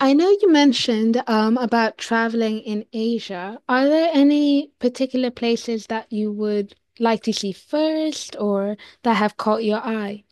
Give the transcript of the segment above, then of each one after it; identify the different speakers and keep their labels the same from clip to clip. Speaker 1: I know you mentioned about traveling in Asia. Are there any particular places that you would like to see first or that have caught your eye?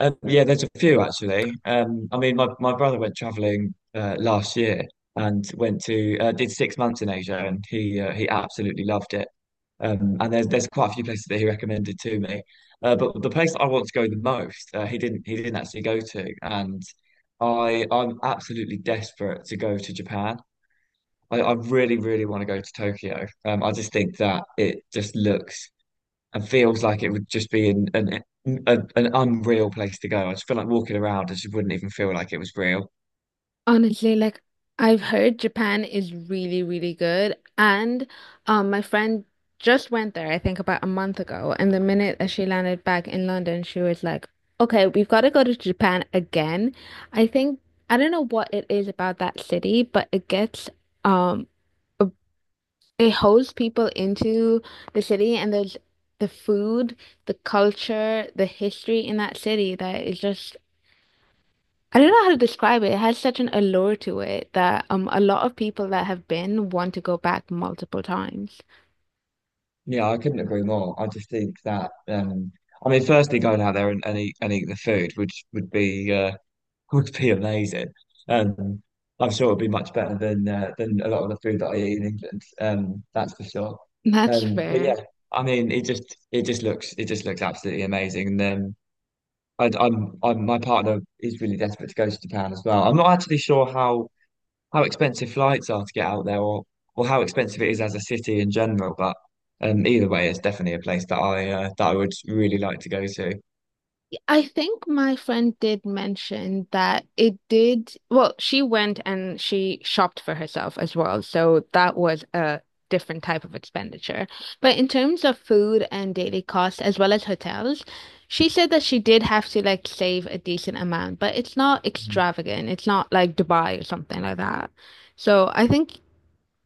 Speaker 2: Yeah, there's a few actually. I mean, my brother went traveling last year and went to did 6 months in Asia, and he absolutely loved it. And there's quite a few places that he recommended to me, but the place that I want to go the most, he didn't actually go to, and I'm absolutely desperate to go to Japan. I really want to go to Tokyo. I just think that it just looks and feels like it would just be an unreal place to go. I just feel like walking around, I just wouldn't even feel like it was real.
Speaker 1: Honestly, like I've heard Japan is really, really good. And my friend just went there, I think about a month ago. And the minute that she landed back in London, she was like, okay, we've got to go to Japan again. I think, I don't know what it is about that city, but it gets um, It holds people into the city and there's the food, the culture, the history in that city that is just I don't know how to describe it. It has such an allure to it that a lot of people that have been want to go back multiple times.
Speaker 2: Yeah, I couldn't agree more. I just think that I mean firstly going out there and eat the food would be would be amazing. Um I'm sure it'd be much better than than a lot of the food that I eat in England. That's for sure.
Speaker 1: That's
Speaker 2: But yeah,
Speaker 1: fair.
Speaker 2: I mean it just looks absolutely amazing. And my partner is really desperate to go to Japan as well. I'm not actually sure how expensive flights are to get out there, or how expensive it is as a city in general. But either way, it's definitely a place that I would really like to go to.
Speaker 1: I think my friend did mention that it did. Well, she went and she shopped for herself as well. So that was a different type of expenditure. But in terms of food and daily costs, as well as hotels, she said that she did have to like save a decent amount, but it's not
Speaker 2: Mm.
Speaker 1: extravagant. It's not like Dubai or something like that. So I think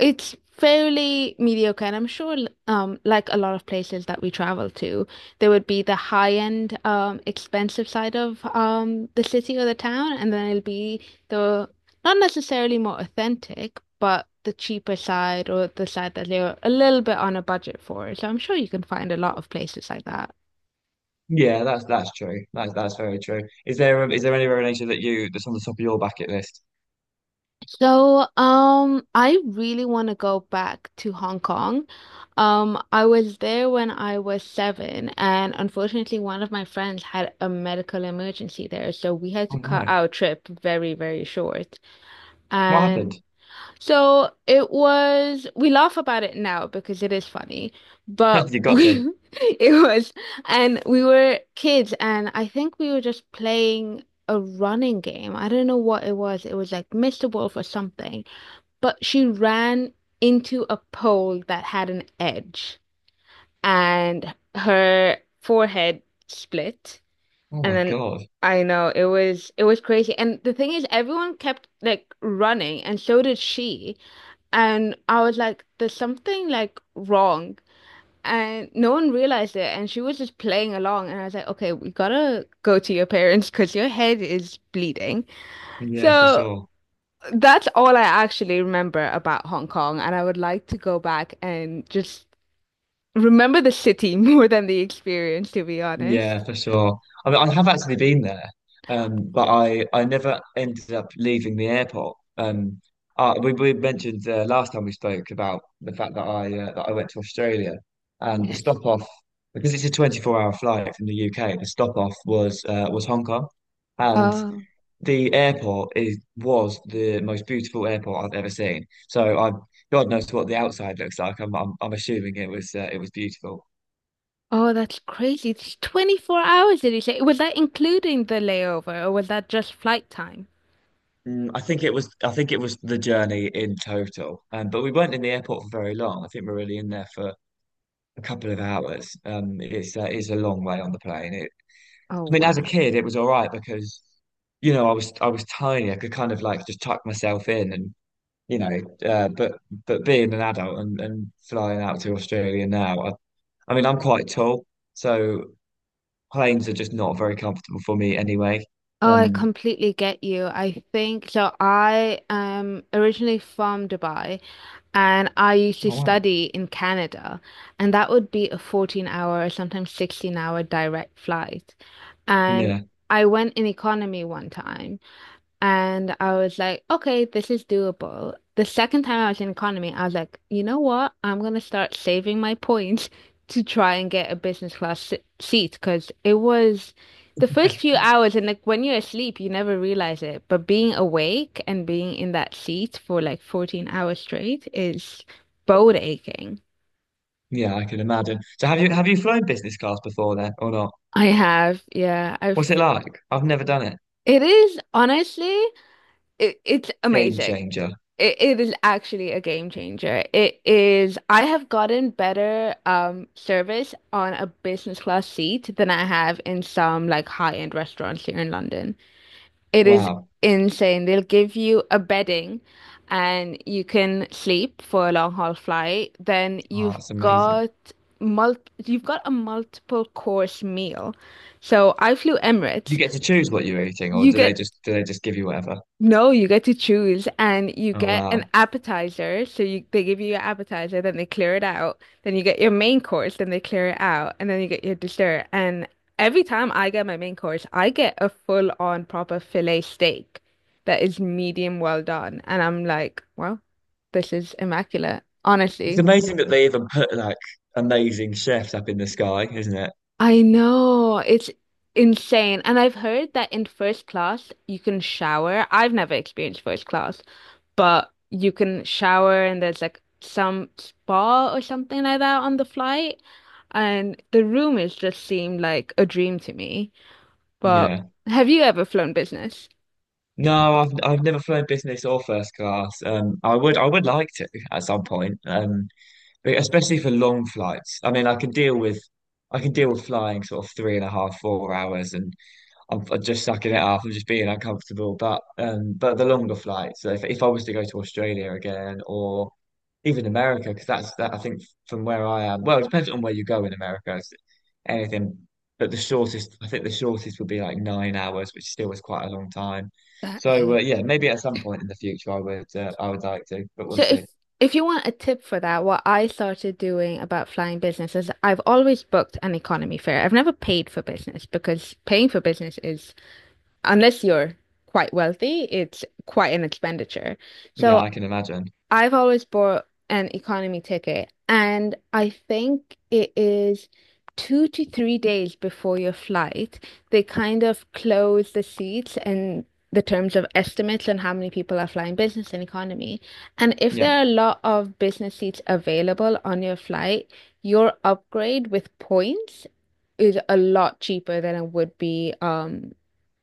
Speaker 1: it's fairly mediocre, and I'm sure, like a lot of places that we travel to, there would be the high-end, expensive side of the city or the town, and then it'll be the not necessarily more authentic, but the cheaper side or the side that they're a little bit on a budget for. So I'm sure you can find a lot of places like that.
Speaker 2: Yeah, that's true. That's very true. Is there anywhere in Asia that you that's on the top of your bucket list?
Speaker 1: So, I really want to go back to Hong Kong. I was there when I was seven, and unfortunately, one of my friends had a medical emergency there, so we had
Speaker 2: Oh
Speaker 1: to cut
Speaker 2: no,
Speaker 1: our trip very, very short.
Speaker 2: what
Speaker 1: And
Speaker 2: happened?
Speaker 1: so it was, we laugh about it now because it is funny, but
Speaker 2: You got to.
Speaker 1: it was, and we were kids, and I think we were just playing a running game. I don't know what it was. It was like Mr. Wolf or something, but she ran into a pole that had an edge and her forehead split.
Speaker 2: Oh
Speaker 1: And
Speaker 2: my
Speaker 1: then
Speaker 2: God.
Speaker 1: I know it was crazy, and the thing is everyone kept like running, and so did she, and I was like there's something like wrong, and no one realized it, and she was just playing along, and I was like okay, we gotta go to your parents because your head is bleeding.
Speaker 2: Yeah, for
Speaker 1: So
Speaker 2: sure.
Speaker 1: that's all I actually remember about Hong Kong, and I would like to go back and just remember the city more than the experience, to be honest.
Speaker 2: Yeah, for sure. I mean, I have actually been there, but I never ended up leaving the airport. We mentioned last time we spoke about the fact that I went to Australia, and the
Speaker 1: Yes.
Speaker 2: stop off, because it's a 24-hour flight from the UK, the stop off was Hong Kong, and
Speaker 1: Oh,
Speaker 2: the airport is was the most beautiful airport I've ever seen. So I God knows what the outside looks like. I'm assuming it was beautiful.
Speaker 1: oh, that's crazy. It's 24 hours, did you say? Was that including the layover, or was that just flight time?
Speaker 2: Mm, I think it was the journey in total. But we weren't in the airport for very long. I think we were really in there for a couple of hours. It's a long way on the plane.
Speaker 1: Oh,
Speaker 2: I mean, as a
Speaker 1: wow.
Speaker 2: kid, it was all right because you know I was tiny. I could kind of like just tuck myself in and you know. Uh, but but being an adult and flying out to Australia now, I mean, I'm quite tall, so planes are just not very comfortable for me anyway.
Speaker 1: Oh, I
Speaker 2: Um,
Speaker 1: completely get you. I think so. I am originally from Dubai, and I used to
Speaker 2: oh wow,
Speaker 1: study in Canada, and that would be a 14 hour or sometimes 16-hour direct flight. And
Speaker 2: yeah.
Speaker 1: I went in economy one time. And I was like, okay, this is doable. The second time I was in economy, I was like, you know what? I'm gonna start saving my points to try and get a business class seat because it was the first few hours, and like when you're asleep, you never realize it. But being awake and being in that seat for like 14 hours straight is bone aching.
Speaker 2: Yeah, I can imagine. So have you flown business class before then or not?
Speaker 1: I have, yeah, I've.
Speaker 2: What's it like? I've never done it.
Speaker 1: It is honestly, it's
Speaker 2: Game
Speaker 1: amazing.
Speaker 2: changer.
Speaker 1: It is actually a game changer. It is, I have gotten better service on a business class seat than I have in some like high-end restaurants here in London. It is
Speaker 2: Wow.
Speaker 1: insane. They'll give you a bedding and you can sleep for a long haul flight. Then
Speaker 2: Oh,
Speaker 1: you've
Speaker 2: that's amazing.
Speaker 1: got mul you've got a multiple course meal. So I flew
Speaker 2: You
Speaker 1: Emirates.
Speaker 2: get to choose what you're eating, or
Speaker 1: You
Speaker 2: do they
Speaker 1: get
Speaker 2: just do they just give you whatever?
Speaker 1: no, you get to choose and you
Speaker 2: Oh
Speaker 1: get an
Speaker 2: wow.
Speaker 1: appetizer. So you they give you your appetizer, then they clear it out. Then you get your main course, then they clear it out, and then you get your dessert. And every time I get my main course, I get a full on proper fillet steak that is medium well done. And I'm like, well, this is immaculate,
Speaker 2: It's
Speaker 1: honestly.
Speaker 2: amazing that they even put like amazing chefs up in the sky, isn't it?
Speaker 1: I know, it's insane. And I've heard that in first class you can shower. I've never experienced first class. But you can shower and there's like some spa or something like that on the flight. And the rumors just seemed like a dream to me. But
Speaker 2: Yeah.
Speaker 1: have you ever flown business?
Speaker 2: No, I've never flown business or first class. I would like to at some point. But especially for long flights. I mean, I can deal with flying sort of three and a half, 4 hours, and I'm just sucking it up. I'm just being uncomfortable. But the longer flights. So if I was to go to Australia again or even America, because that's that. I think from where I am. Well, it depends on where you go in America. It's Anything, but the shortest. I think the shortest would be like 9 hours, which still is quite a long time.
Speaker 1: That
Speaker 2: So
Speaker 1: is.
Speaker 2: yeah, maybe at some point in the future, I would like to, but we'll
Speaker 1: So if
Speaker 2: see.
Speaker 1: if you want a tip for that, what I started doing about flying business is I've always booked an economy fare. I've never paid for business because paying for business is, unless you're quite wealthy, it's quite an expenditure.
Speaker 2: Yeah,
Speaker 1: So
Speaker 2: I can imagine.
Speaker 1: I've always bought an economy ticket, and I think it is 2 to 3 days before your flight. They kind of close the seats and the terms of estimates and how many people are flying business and economy. And if
Speaker 2: Yeah.
Speaker 1: there are a lot of business seats available on your flight, your upgrade with points is a lot cheaper than it would be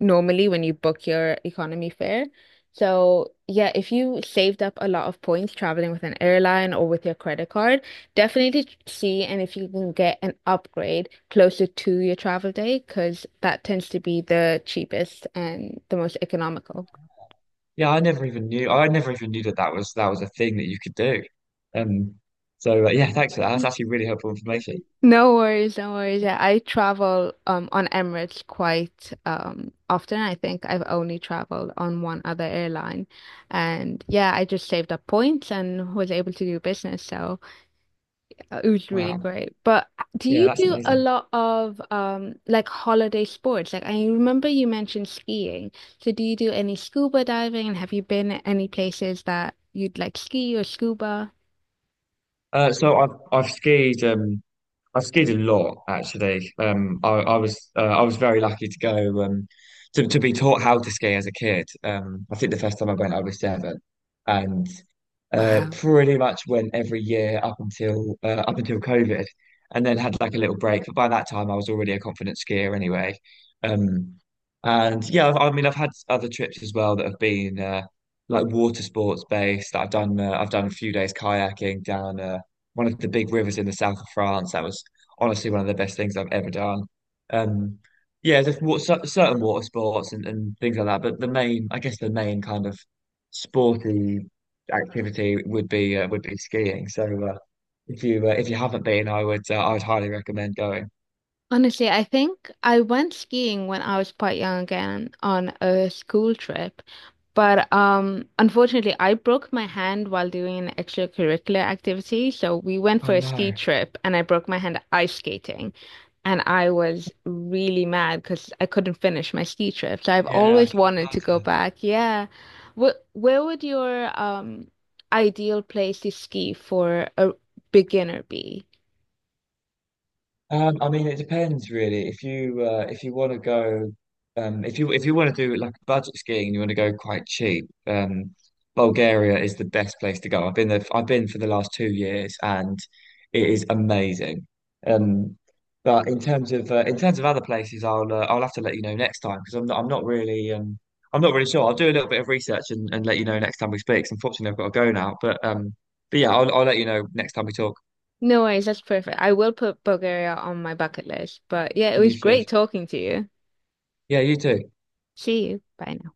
Speaker 1: normally when you book your economy fare. So, yeah, if you saved up a lot of points traveling with an airline or with your credit card, definitely see and if you can get an upgrade closer to your travel day, because that tends to be the cheapest and the most economical.
Speaker 2: Yeah, I never even knew that that was a thing that you could do. Um, so yeah, thanks for that. That's
Speaker 1: Yeah.
Speaker 2: actually really helpful information.
Speaker 1: No worries, no worries. Yeah, I travel on Emirates quite often. I think I've only traveled on one other airline. And yeah, I just saved up points and was able to do business. So it was really
Speaker 2: Wow.
Speaker 1: great. But do
Speaker 2: Yeah,
Speaker 1: you
Speaker 2: that's
Speaker 1: do a
Speaker 2: amazing.
Speaker 1: lot of like holiday sports? Like I remember you mentioned skiing. So do you do any scuba diving, and have you been at any places that you'd like ski or scuba?
Speaker 2: Uh, so I've I've skied um I've skied a lot actually. I was very lucky to go to be taught how to ski as a kid. I think the first time I went I was seven, and.
Speaker 1: Wow.
Speaker 2: Pretty much went every year up until COVID, and then had like a little break. But by that time, I was already a confident skier anyway. Um, and yeah, I mean, I've had other trips as well that have been like water sports based. That I've done a few days kayaking down one of the big rivers in the south of France. That was honestly one of the best things I've ever done. Um, yeah, there's certain water sports and things like that, but I guess, the main kind of sporty activity would be skiing. So if you haven't been, I would highly recommend going.
Speaker 1: Honestly, I think I went skiing when I was quite young again on a school trip. But unfortunately, I broke my hand while doing an extracurricular activity. So we went
Speaker 2: Oh
Speaker 1: for a ski
Speaker 2: no,
Speaker 1: trip and I broke my hand ice skating. And I was really mad because I couldn't finish my ski trip. So I've
Speaker 2: yeah, I
Speaker 1: always
Speaker 2: could
Speaker 1: wanted to go
Speaker 2: imagine.
Speaker 1: back. Yeah. Where would your ideal place to ski for a beginner be?
Speaker 2: I mean, it depends really. If you want to go, If you want to do like budget skiing and you want to go quite cheap, Bulgaria is the best place to go. I've been there. I've been for the last 2 years, and it is amazing. Um, but in terms of other places, I'll have to let you know next time because I'm not really sure. I'll do a little bit of research and let you know next time we speak. 'Cause Unfortunately, I've got to go now. But yeah, I'll let you know next time we talk.
Speaker 1: No worries, that's perfect. I will put Bulgaria on my bucket list. But yeah, it
Speaker 2: And you
Speaker 1: was
Speaker 2: should.
Speaker 1: great talking to you.
Speaker 2: Yeah, you too.
Speaker 1: See you. Bye now.